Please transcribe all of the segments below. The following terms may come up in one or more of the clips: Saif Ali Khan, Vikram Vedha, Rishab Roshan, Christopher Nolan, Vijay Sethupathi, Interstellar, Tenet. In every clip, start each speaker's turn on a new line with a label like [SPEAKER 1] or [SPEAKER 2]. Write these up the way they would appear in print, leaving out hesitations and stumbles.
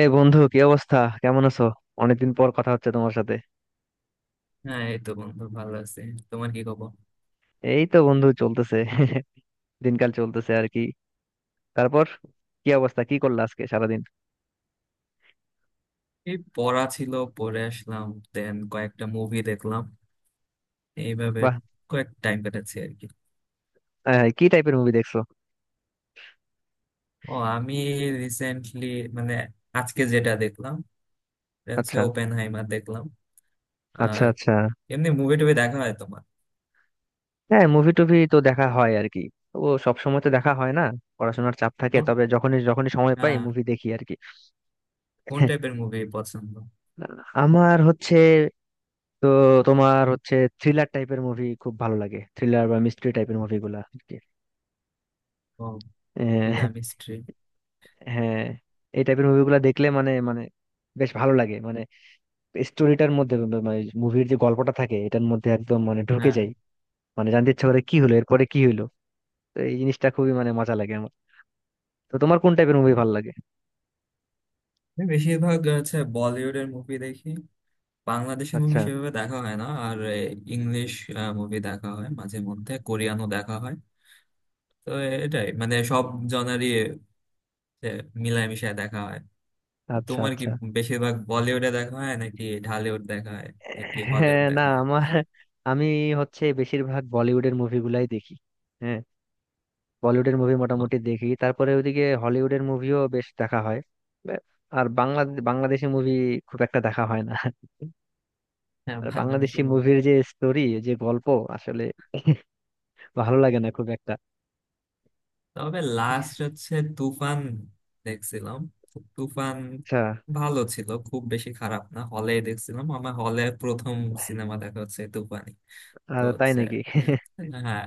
[SPEAKER 1] এই বন্ধু, কি অবস্থা? কেমন আছো? অনেকদিন পর কথা হচ্ছে তোমার সাথে।
[SPEAKER 2] হ্যাঁ, এই তো বন্ধু, ভালো আছি। তোমার কি খবর?
[SPEAKER 1] এই তো বন্ধু, চলতেছে। দিনকাল চলতেছে আর কি। তারপর, কি অবস্থা? কি করলে আজকে সারাদিন?
[SPEAKER 2] এই পড়া ছিল, পড়ে আসলাম। দেন কয়েকটা মুভি দেখলাম, এইভাবে
[SPEAKER 1] বাহ।
[SPEAKER 2] কয়েক টাইম কাটাচ্ছি আর কি।
[SPEAKER 1] কি টাইপের মুভি দেখছো?
[SPEAKER 2] ও, আমি রিসেন্টলি মানে আজকে যেটা দেখলাম, এটা হচ্ছে
[SPEAKER 1] আচ্ছা,
[SPEAKER 2] ওপেন হাইমার দেখলাম। আর
[SPEAKER 1] আচ্ছা, আচ্ছা।
[SPEAKER 2] এমনি মুভি টুভি দেখা হয় তোমার?
[SPEAKER 1] হ্যাঁ, মুভি টুভি তো দেখা হয় আর কি। ও সব সময় তো দেখা হয় না। পড়াশোনার চাপ থাকে,
[SPEAKER 2] কোন,
[SPEAKER 1] তবে যখনই যখনই সময় পাই
[SPEAKER 2] হ্যাঁ,
[SPEAKER 1] মুভি দেখি আর কি।
[SPEAKER 2] কোন টাইপের মুভি পছন্দ?
[SPEAKER 1] আমার হচ্ছে, তো তোমার হচ্ছে থ্রিলার টাইপের মুভি খুব ভালো লাগে, থ্রিলার বা মিস্ট্রি টাইপের মুভিগুলা আর
[SPEAKER 2] ও, ফিল্ম
[SPEAKER 1] কি।
[SPEAKER 2] হিস্ট্রি।
[SPEAKER 1] হ্যাঁ, এই টাইপের মুভিগুলো দেখলে মানে মানে বেশ ভালো লাগে, মানে স্টোরিটার মধ্যে মানে মুভির যে গল্পটা থাকে এটার মধ্যে একদম মানে ঢুকে
[SPEAKER 2] হ্যাঁ,
[SPEAKER 1] যাই। মানে জানতে ইচ্ছা করে কি হলো, এরপরে কি হলো। তো এই জিনিসটা খুবই মানে মজা লাগে আমার। তো তোমার কোন টাইপের মুভি ভালো লাগে?
[SPEAKER 2] আমি বেশিরভাগ হচ্ছে বলিউডের মুভি দেখি। বাংলাদেশি মুভি
[SPEAKER 1] আচ্ছা,
[SPEAKER 2] সেভাবে দেখা হয় না। আর ইংলিশ মুভি দেখা হয়, মাঝে মধ্যে কোরিয়ানও দেখা হয়। তো এটাই, সব জনারই মিলামিশায় দেখা হয়। তো
[SPEAKER 1] আচ্ছা,
[SPEAKER 2] তোমার কি
[SPEAKER 1] আচ্ছা।
[SPEAKER 2] বেশিরভাগ বলিউডে দেখা হয়, নাকি ঢালিউড দেখা হয়, নাকি হলিউড
[SPEAKER 1] হ্যাঁ, না,
[SPEAKER 2] দেখা হয়?
[SPEAKER 1] আমি হচ্ছে বেশিরভাগ বলিউডের মুভিগুলাই দেখি। হ্যাঁ, বলিউডের মুভি
[SPEAKER 2] ও,
[SPEAKER 1] মোটামুটি দেখি, তারপরে ওইদিকে হলিউডের মুভিও বেশ দেখা হয়। বে- আর বাংলাদেশি মুভি খুব একটা দেখা হয় না।
[SPEAKER 2] হ্যাঁ,
[SPEAKER 1] আর
[SPEAKER 2] বাংলাদেশি
[SPEAKER 1] বাংলাদেশি
[SPEAKER 2] মুভি।
[SPEAKER 1] মুভির যে স্টোরি, যে গল্প, আসলে ভালো লাগে না খুব একটা।
[SPEAKER 2] তবে লাস্ট হচ্ছে তুফান দেখছিলাম। তো তুফান
[SPEAKER 1] আচ্ছা।
[SPEAKER 2] ভালো ছিল, খুব বেশি খারাপ না, হলে দেখছিলাম। আমার হলে প্রথম সিনেমা দেখা হচ্ছে তুফানি। তো
[SPEAKER 1] আর তাই
[SPEAKER 2] হচ্ছে,
[SPEAKER 1] নাকি?
[SPEAKER 2] হ্যাঁ,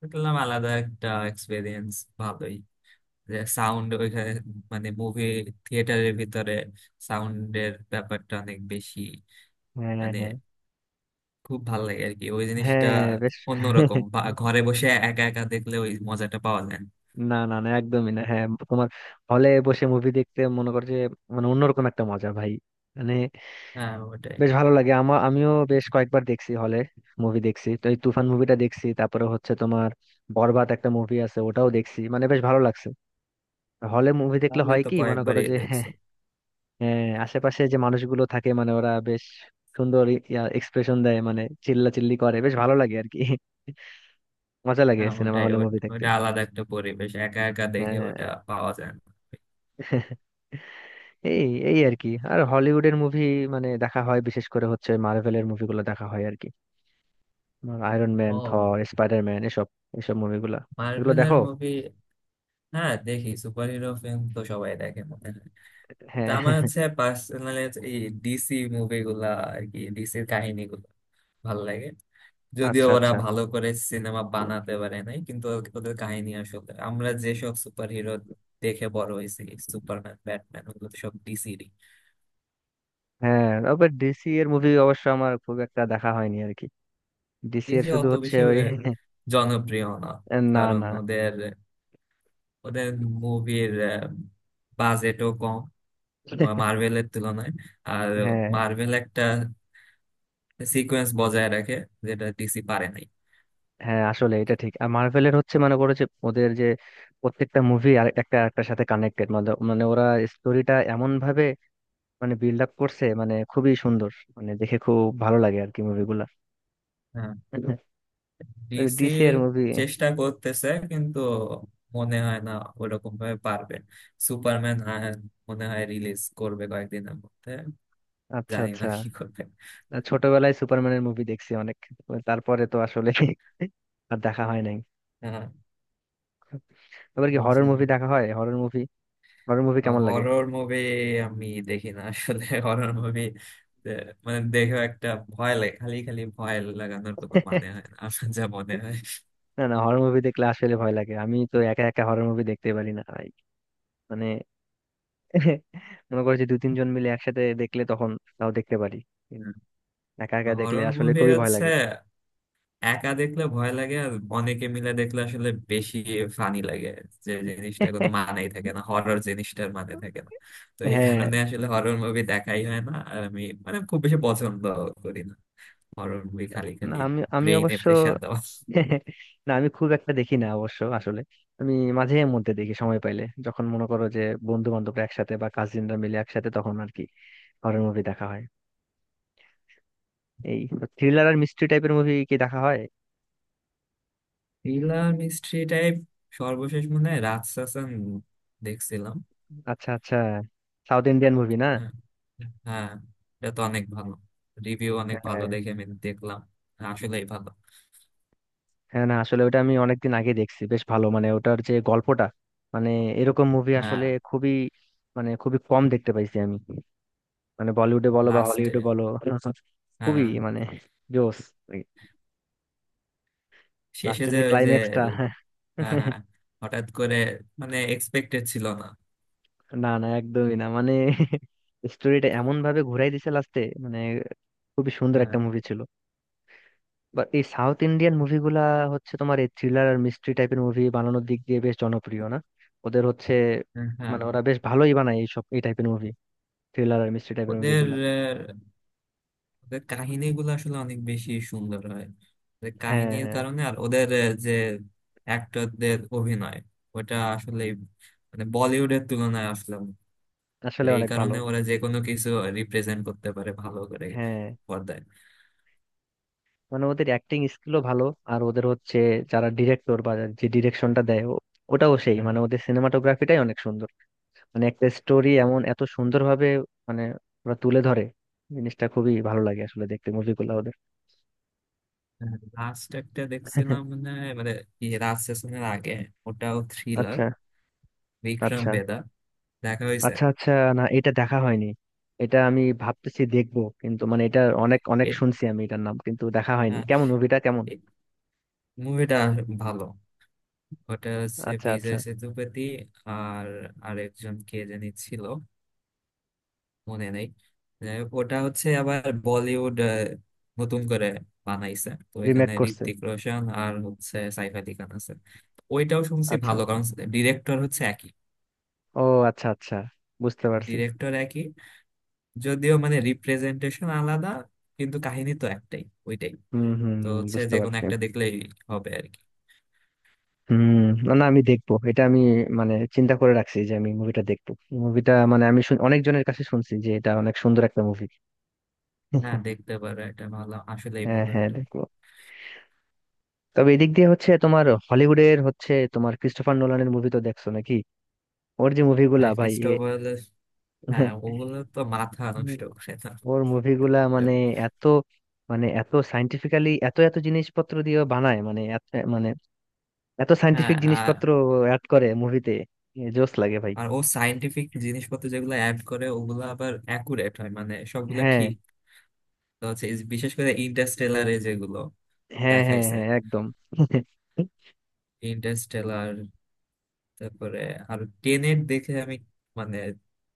[SPEAKER 2] দেখলাম আলাদা একটা এক্সপিরিয়েন্স, ভালোই। যে সাউন্ড ওইখানে, মুভি থিয়েটারের ভিতরে সাউন্ডের ব্যাপারটা অনেক বেশি,
[SPEAKER 1] হ্যাঁ,
[SPEAKER 2] মানে
[SPEAKER 1] হ্যাঁ,
[SPEAKER 2] খুব ভালো লাগে আর কি ওই জিনিসটা।
[SPEAKER 1] হ্যাঁ, বেশ।
[SPEAKER 2] অন্যরকম ঘরে বসে একা একা দেখলে ওই মজাটা পাওয়া যায় না।
[SPEAKER 1] না, না, না, একদমই না। হ্যাঁ, তোমার, হলে বসে মুভি দেখতে মনে করছে মানে অন্যরকম একটা মজা, ভাই, মানে
[SPEAKER 2] হ্যাঁ, ওটাই।
[SPEAKER 1] বেশ ভালো লাগে আমার। আমিও বেশ কয়েকবার দেখছি হলে, মুভি দেখছি, তো এই তুফান মুভিটা দেখছি, তারপরে হচ্ছে তোমার বরবাদ একটা মুভি আছে, ওটাও দেখছি, মানে বেশ ভালো লাগছে। হলে মুভি দেখলে
[SPEAKER 2] তাহলে
[SPEAKER 1] হয়
[SPEAKER 2] তো
[SPEAKER 1] কি মনে করো
[SPEAKER 2] কয়েকবারই
[SPEAKER 1] যে,
[SPEAKER 2] দেখছো।
[SPEAKER 1] হ্যাঁ আশেপাশে যে মানুষগুলো থাকে মানে ওরা বেশ সুন্দর এক্সপ্রেশন দেয়, মানে চিল্লা চিল্লি করে, বেশ ভালো লাগে আর কি। মজা লাগে
[SPEAKER 2] হ্যাঁ,
[SPEAKER 1] সিনেমা
[SPEAKER 2] ওটাই,
[SPEAKER 1] হলে মুভি দেখতে।
[SPEAKER 2] ওটা আলাদা একটা পরিবেশ, একা একা দেখে
[SPEAKER 1] হ্যাঁ।
[SPEAKER 2] ওটা পাওয়া যায় না।
[SPEAKER 1] এই এই আর কি, আর হলিউডের মুভি মানে দেখা হয়, বিশেষ করে হচ্ছে মার্ভেলের মুভিগুলো দেখা হয় আর কি। আয়রন ম্যান,
[SPEAKER 2] ও,
[SPEAKER 1] থর, স্পাইডারম্যান, এসব এসব মুভিগুলো, এগুলো
[SPEAKER 2] মার্ভেলের
[SPEAKER 1] দেখো?
[SPEAKER 2] মুভি। হ্যাঁ, দেখি। সুপার হিরো ফিল্ম তো সবাই দেখে মনে হয়। তা
[SPEAKER 1] হ্যাঁ।
[SPEAKER 2] আমার হচ্ছে পার্সোনালি এই ডিসি মুভিগুলা আর কি, ডিসির কাহিনীগুলো ভালো লাগে। যদিও
[SPEAKER 1] আচ্ছা,
[SPEAKER 2] ওরা
[SPEAKER 1] আচ্ছা।
[SPEAKER 2] ভালো করে সিনেমা বানাতে পারে নাই, কিন্তু ওদের কাহিনী আসলে, আমরা যেসব সুপার হিরো দেখে বড় হয়েছি, সুপারম্যান, ব্যাটম্যান, ওগুলো তো সব ডিসিরই।
[SPEAKER 1] হ্যাঁ, তারপর ডিসি এর মুভি অবশ্য আমার খুব একটা দেখা হয়নি আর কি। ডিসি এর
[SPEAKER 2] ডিসি
[SPEAKER 1] শুধু
[SPEAKER 2] অত
[SPEAKER 1] হচ্ছে
[SPEAKER 2] বেশি
[SPEAKER 1] ওই।
[SPEAKER 2] জনপ্রিয় না,
[SPEAKER 1] না,
[SPEAKER 2] কারণ
[SPEAKER 1] না।
[SPEAKER 2] ওদের ওদের মুভির বাজেটও কম মার্ভেলের তুলনায়। আর
[SPEAKER 1] হ্যাঁ,
[SPEAKER 2] মার্ভেল একটা সিকোয়েন্স বজায় রাখে যেটা ডিসি পারে নাই।
[SPEAKER 1] হ্যাঁ, আসলে এটা ঠিক। আর মার্ভেলের হচ্ছে মনে করো যে ওদের যে প্রত্যেকটা মুভি আর একটা একটার সাথে কানেক্টেড, মানে মানে ওরা স্টোরিটা এমন ভাবে মানে বিল্ড আপ করছে, মানে খুবই সুন্দর, মানে দেখে খুব ভালো লাগে আর কি মুভিগুলা।
[SPEAKER 2] হ্যাঁ। ডিসি
[SPEAKER 1] ডিসি এর মুভি।
[SPEAKER 2] চেষ্টা করতেছে, কিন্তু মনে হয় না ওরকম ভাবে পারবে। সুপারম্যান মনে হয় রিলিজ করবে কয়েকদিনের মধ্যে,
[SPEAKER 1] আচ্ছা,
[SPEAKER 2] জানি না
[SPEAKER 1] আচ্ছা।
[SPEAKER 2] কি করবে।
[SPEAKER 1] ছোটবেলায় সুপারম্যানের মুভি দেখছি অনেক। তারপরে তো আসলে আর দেখা হয় নাই।
[SPEAKER 2] হ্যাঁ,
[SPEAKER 1] এবার কি হরর
[SPEAKER 2] বুঝলাম।
[SPEAKER 1] মুভি দেখা হয়? Horror movie. হরর মুভি কেমন লাগে?
[SPEAKER 2] হরর মুভি আমি দেখি না আসলে। হরর মুভি দেখে একটা ভয় লাগে, খালি খালি ভয় লাগানোর কোনো মানে হয় না আমার যা মনে হয়।
[SPEAKER 1] না, না, হরর মুভি দেখলে আসলে ভয় লাগে, আমি তো একা একা হরর মুভি দেখতে পারি না ভাই। মনে করো যে দু তিনজন মিলে একসাথে দেখলে তখন তাও দেখতে পারি, একা একা দেখলে
[SPEAKER 2] হরর
[SPEAKER 1] আসলে
[SPEAKER 2] মুভি
[SPEAKER 1] খুবই ভয়
[SPEAKER 2] হচ্ছে
[SPEAKER 1] লাগে।
[SPEAKER 2] একা দেখলে ভয় লাগে, আর অনেকে মিলে দেখলে আসলে বেশি ফানি লাগে, যে জিনিসটা কোনো মানেই থাকে না, হরর জিনিসটার মানে থাকে না। তো এই
[SPEAKER 1] হ্যাঁ।
[SPEAKER 2] কারণে আসলে হরর মুভি দেখাই হয় না আর, আমি খুব বেশি পছন্দ করি না হরর মুভি, খালি
[SPEAKER 1] না,
[SPEAKER 2] খালি
[SPEAKER 1] আমি আমি
[SPEAKER 2] ব্রেইনে
[SPEAKER 1] অবশ্য,
[SPEAKER 2] প্রেসার দেওয়া।
[SPEAKER 1] না, আমি খুব একটা দেখি না অবশ্য আসলে। আমি মাঝে মধ্যে দেখি সময় পাইলে, যখন মনে করো যে বন্ধু বান্ধবরা একসাথে বা কাজিনরা মিলে একসাথে, তখন আর কি হরর মুভি দেখা হয়। এই, থ্রিলার আর মিস্ট্রি টাইপের মুভি কি দেখা হয়?
[SPEAKER 2] থ্রিলার মিস্ট্রি টাইপ সর্বশেষ মনে হয় রাজশাসন দেখছিলাম।
[SPEAKER 1] আচ্ছা, আচ্ছা। সাউথ ইন্ডিয়ান মুভি না?
[SPEAKER 2] হ্যাঁ, হ্যাঁ, এটা তো অনেক ভালো, রিভিউ অনেক ভালো
[SPEAKER 1] হ্যাঁ,
[SPEAKER 2] দেখে আমি দেখলাম। আসলেই ভালো।
[SPEAKER 1] হ্যাঁ। না, আসলে ওটা আমি অনেকদিন আগে দেখছি, বেশ ভালো, মানে ওটার যে গল্পটা, মানে এরকম মুভি
[SPEAKER 2] হ্যাঁ,
[SPEAKER 1] আসলে খুবই, মানে খুবই কম দেখতে পাইছি আমি, মানে বলিউডে বলো বা
[SPEAKER 2] লাস্টে।
[SPEAKER 1] হলিউডে বলো, খুবই
[SPEAKER 2] হ্যাঁ,
[SPEAKER 1] মানে জোস।
[SPEAKER 2] শেষে
[SPEAKER 1] লাস্টের
[SPEAKER 2] যে
[SPEAKER 1] যে
[SPEAKER 2] ওই যে,
[SPEAKER 1] ক্লাইম্যাক্সটা,
[SPEAKER 2] হ্যাঁ, হ্যাঁ, হঠাৎ করে এক্সপেক্টেড ছিল না।
[SPEAKER 1] না, না, একদমই না, মানে স্টোরিটা এমন ভাবে ঘুরাই দিছে লাস্টে, মানে খুবই সুন্দর
[SPEAKER 2] হ্যাঁ,
[SPEAKER 1] একটা মুভি ছিল। বা এই সাউথ ইন্ডিয়ান মুভিগুলা হচ্ছে তোমার এই থ্রিলার আর মিস্ট্রি টাইপের মুভি বানানোর দিক দিয়ে বেশ জনপ্রিয় না, ওদের হচ্ছে
[SPEAKER 2] হ্যাঁ, হ্যাঁ।
[SPEAKER 1] মানে ওরা বেশ ভালোই বানায় এইসব এই টাইপের মুভি, থ্রিলার আর মিস্ট্রি টাইপের
[SPEAKER 2] ওদের
[SPEAKER 1] মুভিগুলা।
[SPEAKER 2] আহ, ওদের কাহিনীগুলো আসলে অনেক বেশি সুন্দর হয়, ওদের
[SPEAKER 1] হ্যাঁ,
[SPEAKER 2] কাহিনীর
[SPEAKER 1] হ্যাঁ,
[SPEAKER 2] কারণে। আর ওদের যে অ্যাক্টরদের অভিনয় ওটা আসলে বলিউডের তুলনায় আসলে অনেক। তো
[SPEAKER 1] আসলে
[SPEAKER 2] এই
[SPEAKER 1] অনেক ভালো।
[SPEAKER 2] কারণে ওরা যে কোনো কিছু রিপ্রেজেন্ট করতে পারে ভালো করে
[SPEAKER 1] হ্যাঁ,
[SPEAKER 2] পর্দায়।
[SPEAKER 1] মানে ওদের অ্যাক্টিং স্কিলও ভালো, আর ওদের হচ্ছে যারা ডিরেক্টর, বা যে ডিরেকশনটা দেয় ওটাও সেই, মানে ওদের সিনেমাটোগ্রাফিটাই অনেক সুন্দর, মানে একটা স্টোরি এমন এত সুন্দরভাবে মানে ওরা তুলে ধরে, জিনিসটা খুবই ভালো লাগে আসলে দেখতে মুভিগুলো ওদের।
[SPEAKER 2] লাস্ট একটা দেখছিলাম, মানে মানে কি, রাজ সেশনের আগে, ওটাও থ্রিলার,
[SPEAKER 1] আচ্ছা,
[SPEAKER 2] বিক্রম
[SPEAKER 1] আচ্ছা,
[SPEAKER 2] বেদা দেখা হয়েছে?
[SPEAKER 1] আচ্ছা, আচ্ছা। না, এটা দেখা হয়নি, এটা আমি ভাবতেছি দেখবো, কিন্তু মানে এটা অনেক অনেক
[SPEAKER 2] এ-
[SPEAKER 1] শুনছি আমি এটার নাম, কিন্তু দেখা হয়নি।
[SPEAKER 2] হ্যাঁ,
[SPEAKER 1] কেমন মুভিটা? কেমন?
[SPEAKER 2] মুভিটা ভালো। ওটা হচ্ছে
[SPEAKER 1] আচ্ছা, আচ্ছা।
[SPEAKER 2] বিজয় সেতুপতি আর আরেকজন কে জানি ছিল, মনে নেই। যাই হোক, ওটা হচ্ছে আবার বলিউড নতুন করে বানাইছে, তো
[SPEAKER 1] রিমেক
[SPEAKER 2] এখানে
[SPEAKER 1] করছে?
[SPEAKER 2] ঋত্বিক রোশন আর হচ্ছে সাইফ আলি খান আছে। ওইটাও শুনছি
[SPEAKER 1] আচ্ছা।
[SPEAKER 2] ভালো, কারণ ডিরেক্টর হচ্ছে একই,
[SPEAKER 1] ও, আচ্ছা, আচ্ছা, বুঝতে পারছি।
[SPEAKER 2] ডিরেক্টর একই। যদিও রিপ্রেজেন্টেশন আলাদা, কিন্তু কাহিনী তো একটাই। ওইটাই।
[SPEAKER 1] হুম, হুম,
[SPEAKER 2] তো
[SPEAKER 1] হুম,
[SPEAKER 2] হচ্ছে
[SPEAKER 1] বুঝতে
[SPEAKER 2] যে কোনো
[SPEAKER 1] পারছি।
[SPEAKER 2] একটা দেখলেই হবে আর কি।
[SPEAKER 1] হুম। না, না, আমি দেখবো এটা, আমি মানে চিন্তা করে রাখছি যে আমি মুভিটা দেখবো। মুভিটা মানে আমি অনেকজনের কাছে শুনছি যে এটা অনেক সুন্দর একটা মুভি।
[SPEAKER 2] হ্যাঁ, দেখতে পারো, এটা ভালো, আসলেই
[SPEAKER 1] হ্যাঁ,
[SPEAKER 2] ভালো
[SPEAKER 1] হ্যাঁ,
[SPEAKER 2] একটা।
[SPEAKER 1] দেখবো। তবে এদিক দিয়ে হচ্ছে তোমার হলিউডের, হচ্ছে তোমার ক্রিস্টোফার নোলানের মুভি তো দেখছো নাকি? ওর যে মুভিগুলা
[SPEAKER 2] হ্যাঁ,
[SPEAKER 1] ভাই।
[SPEAKER 2] ক্রিস্টোফার। হ্যাঁ, ওগুলো তো মাথা
[SPEAKER 1] হুম।
[SPEAKER 2] নষ্ট করে না।
[SPEAKER 1] ওর মুভিগুলা মানে এত, মানে এত সাইন্টিফিক্যালি এত এত জিনিসপত্র দিয়ে ও বানায়, মানে মানে এত
[SPEAKER 2] হ্যাঁ।
[SPEAKER 1] সাইন্টিফিক
[SPEAKER 2] আর
[SPEAKER 1] জিনিসপত্র অ্যাড করে মুভিতে, জোস লাগে ভাই।
[SPEAKER 2] আর ও সাইন্টিফিক জিনিসপত্র যেগুলো অ্যাড করে ওগুলো আবার অ্যাকুরেট হয়, সবগুলো
[SPEAKER 1] হ্যাঁ,
[SPEAKER 2] ঠিক। তো হচ্ছে এই, বিশেষ করে ইন্টারস্টেলারে যেগুলো
[SPEAKER 1] হ্যাঁ, হ্যাঁ,
[SPEAKER 2] দেখাইছে,
[SPEAKER 1] হ্যাঁ, একদম।
[SPEAKER 2] ইন্টারস্টেলার, তারপরে আর টেনেট দেখে আমি মানে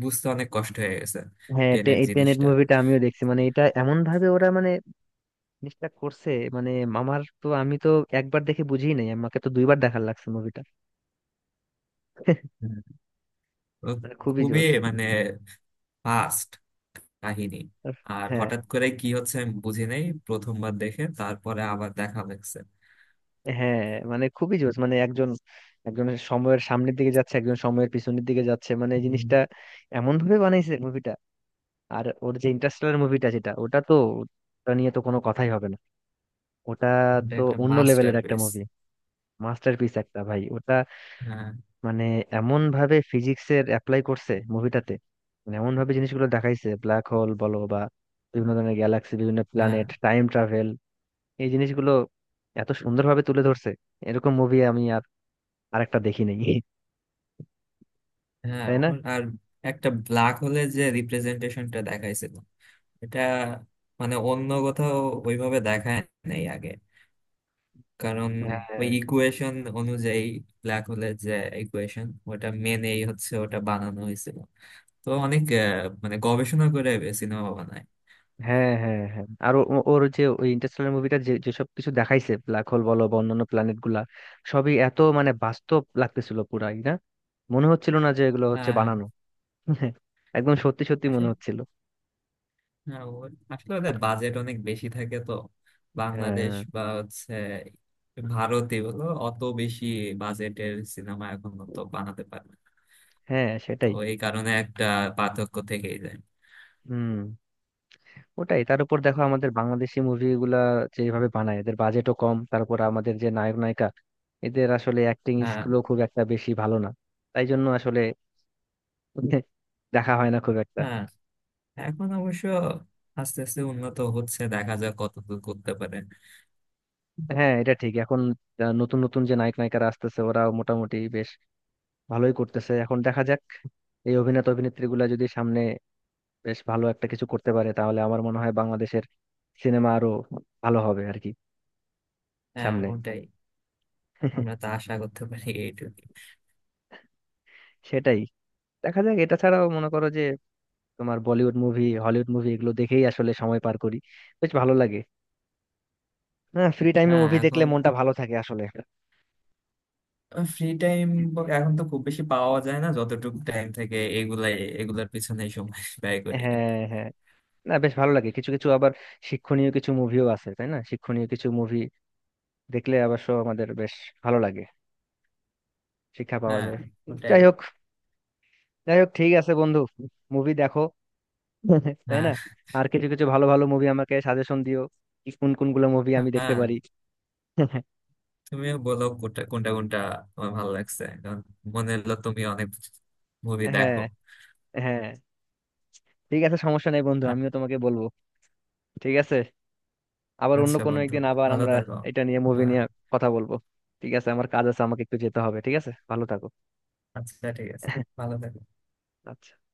[SPEAKER 2] বুঝতে অনেক কষ্ট হয়ে গেছে,
[SPEAKER 1] হ্যাঁ,
[SPEAKER 2] টেনেট
[SPEAKER 1] এই টেনেট
[SPEAKER 2] জিনিসটা।
[SPEAKER 1] মুভিটা আমিও দেখছি, মানে এটা এমন ভাবে ওরা মানে জিনিসটা করছে, মানে মামার তো আমি তো একবার দেখে বুঝিই নাই, আমাকে তো দুইবার দেখার লাগছে মুভিটা,
[SPEAKER 2] হুম। ও,
[SPEAKER 1] মানে খুবই
[SPEAKER 2] খুবই
[SPEAKER 1] জোস।
[SPEAKER 2] ফাস্ট কাহিনী, আর
[SPEAKER 1] হ্যাঁ,
[SPEAKER 2] হঠাৎ করে কি হচ্ছে আমি বুঝি নাই প্রথমবার দেখে, তারপরে আবার দেখা লাগছে।
[SPEAKER 1] হ্যাঁ, মানে খুবই জোস, মানে একজন একজন সময়ের সামনের দিকে যাচ্ছে, একজন সময়ের পিছনের দিকে যাচ্ছে, মানে এই জিনিসটা এমন ভাবে বানাইছে মুভিটা। আর ওর যে ইন্টারস্টেলার মুভিটা যেটা, ওটা তো, ওটা নিয়ে তো কোনো কথাই হবে না। ওটা
[SPEAKER 2] এটা
[SPEAKER 1] তো
[SPEAKER 2] একটা
[SPEAKER 1] অন্য
[SPEAKER 2] মাস্টার
[SPEAKER 1] লেভেলের একটা
[SPEAKER 2] পিস।
[SPEAKER 1] মুভি, মাস্টারপিস একটা ভাই ওটা,
[SPEAKER 2] হ্যাঁ,
[SPEAKER 1] মানে এমন ভাবে ফিজিক্সের অ্যাপ্লাই করছে মুভিটাতে, মানে এমন ভাবে জিনিসগুলো দেখাইছে, ব্ল্যাক হোল বলো বা বিভিন্ন ধরনের গ্যালাক্সি, বিভিন্ন
[SPEAKER 2] হ্যাঁ,
[SPEAKER 1] প্ল্যানেট, টাইম ট্রাভেল, এই জিনিসগুলো এত সুন্দরভাবে তুলে ধরছে। এরকম মুভি আমি আর আরেকটা দেখি নাই,
[SPEAKER 2] হ্যাঁ,
[SPEAKER 1] তাই না?
[SPEAKER 2] আর একটা ব্ল্যাক হোলের যে রিপ্রেজেন্টেশনটা দেখাইছিল, এটা অন্য কোথাও ওইভাবে দেখায় নাই আগে। কারণ
[SPEAKER 1] হ্যাঁ,
[SPEAKER 2] ওই ইকুয়েশন অনুযায়ী, ব্ল্যাক হোলের যে ইকুয়েশন ওটা মেনেই হচ্ছে ওটা বানানো হয়েছিল। তো অনেক গবেষণা করে সিনেমা বানায়।
[SPEAKER 1] হ্যাঁ, হ্যাঁ, হ্যাঁ। আর ওর যে ওই ইন্টারস্টেলার মুভিটা যেসব কিছু দেখাইছে, ব্ল্যাক হোল বলো বা অন্যান্য প্ল্যানেট গুলা, সবই এত মানে বাস্তব লাগতেছিল পুরাই, না মনে হচ্ছিল না যে এগুলো হচ্ছে
[SPEAKER 2] হ্যাঁ,
[SPEAKER 1] বানানো। একদম সত্যি সত্যি মনে হচ্ছিল।
[SPEAKER 2] হ্যাঁ, আসলে ওদের বাজেট অনেক বেশি থাকে, তো বাংলাদেশ
[SPEAKER 1] হ্যাঁ,
[SPEAKER 2] বা হচ্ছে ভারতে বলো অত বেশি বাজেটের সিনেমা এখন তো বানাতে পারে না।
[SPEAKER 1] হ্যাঁ,
[SPEAKER 2] তো
[SPEAKER 1] সেটাই।
[SPEAKER 2] এই কারণে একটা পার্থক্য থেকেই যায়।
[SPEAKER 1] হুম, ওটাই, তার উপর দেখো আমাদের বাংলাদেশি মুভিগুলা যেভাবে বানায়, এদের বাজেটও কম, তারপর আমাদের যে নায়ক নায়িকা, এদের আসলে অ্যাক্টিং
[SPEAKER 2] হ্যাঁ,
[SPEAKER 1] স্কিলও খুব একটা বেশি ভালো না, তাই জন্য আসলে দেখা হয় না খুব একটা।
[SPEAKER 2] হ্যাঁ, এখন অবশ্য আস্তে আস্তে উন্নত হচ্ছে, দেখা যাক কতদূর করতে পারে।
[SPEAKER 1] হ্যাঁ, এটা ঠিক। এখন নতুন নতুন যে নায়ক নায়িকারা আসতেছে, ওরা মোটামুটি বেশ ভালোই করতেছে। এখন দেখা যাক, এই অভিনেতা অভিনেত্রী গুলা যদি সামনে বেশ ভালো একটা কিছু করতে পারে, তাহলে আমার মনে হয় বাংলাদেশের সিনেমা আরো ভালো হবে আর কি
[SPEAKER 2] হ্যাঁ,
[SPEAKER 1] সামনে।
[SPEAKER 2] ওটাই। আমরা তা আশা করতে পারি এইটুকু।
[SPEAKER 1] সেটাই, দেখা যাক। এটা ছাড়াও মনে করো যে তোমার বলিউড মুভি, হলিউড মুভি এগুলো দেখেই আসলে সময় পার করি, বেশ ভালো লাগে। হ্যাঁ, ফ্রি টাইমে
[SPEAKER 2] হ্যাঁ,
[SPEAKER 1] মুভি দেখলে
[SPEAKER 2] এখন
[SPEAKER 1] মনটা ভালো থাকে আসলে।
[SPEAKER 2] ফ্রি টাইম এখন তো খুব বেশি পাওয়া যায় না, যতটুকু টাইম থেকে এগুলাই, এগুলার পিছনেই সময় ব্যয় করি আর কি।
[SPEAKER 1] হ্যাঁ, হ্যাঁ। না, বেশ ভালো লাগে, কিছু কিছু আবার শিক্ষণীয় কিছু মুভিও আছে তাই না? শিক্ষণীয় কিছু মুভি দেখলে অবশ্য আমাদের বেশ ভালো লাগে, শিক্ষা পাওয়া
[SPEAKER 2] হ্যাঁ,
[SPEAKER 1] যায়।
[SPEAKER 2] ওটাই।
[SPEAKER 1] যাই হোক, যাই হোক, ঠিক আছে বন্ধু, মুভি দেখো তাই না?
[SPEAKER 2] হ্যাঁ,
[SPEAKER 1] আর কিছু কিছু ভালো ভালো মুভি আমাকে সাজেশন দিও, কি কোন কোনগুলো মুভি আমি দেখতে
[SPEAKER 2] হ্যাঁ,
[SPEAKER 1] পারি।
[SPEAKER 2] তুমিও বলো কোনটা কোনটা কোনটা তোমার ভালো লাগছে, কারণ মনে হলো তুমি অনেক মুভি
[SPEAKER 1] হ্যাঁ,
[SPEAKER 2] দেখো।
[SPEAKER 1] হ্যাঁ, ঠিক আছে, সমস্যা নেই বন্ধু,
[SPEAKER 2] আ-
[SPEAKER 1] আমিও তোমাকে বলবো। ঠিক আছে, আবার অন্য
[SPEAKER 2] আচ্ছা
[SPEAKER 1] কোনো
[SPEAKER 2] বন্ধু,
[SPEAKER 1] একদিন আবার
[SPEAKER 2] ভালো
[SPEAKER 1] আমরা
[SPEAKER 2] থাকো।
[SPEAKER 1] এটা নিয়ে, মুভি
[SPEAKER 2] হ্যাঁ,
[SPEAKER 1] নিয়ে কথা বলবো। ঠিক আছে, আমার কাজ আছে, আমাকে একটু যেতে হবে। ঠিক আছে, ভালো থাকো।
[SPEAKER 2] আচ্ছা, ঠিক আছে। ভালো থাকো।
[SPEAKER 1] আচ্ছা।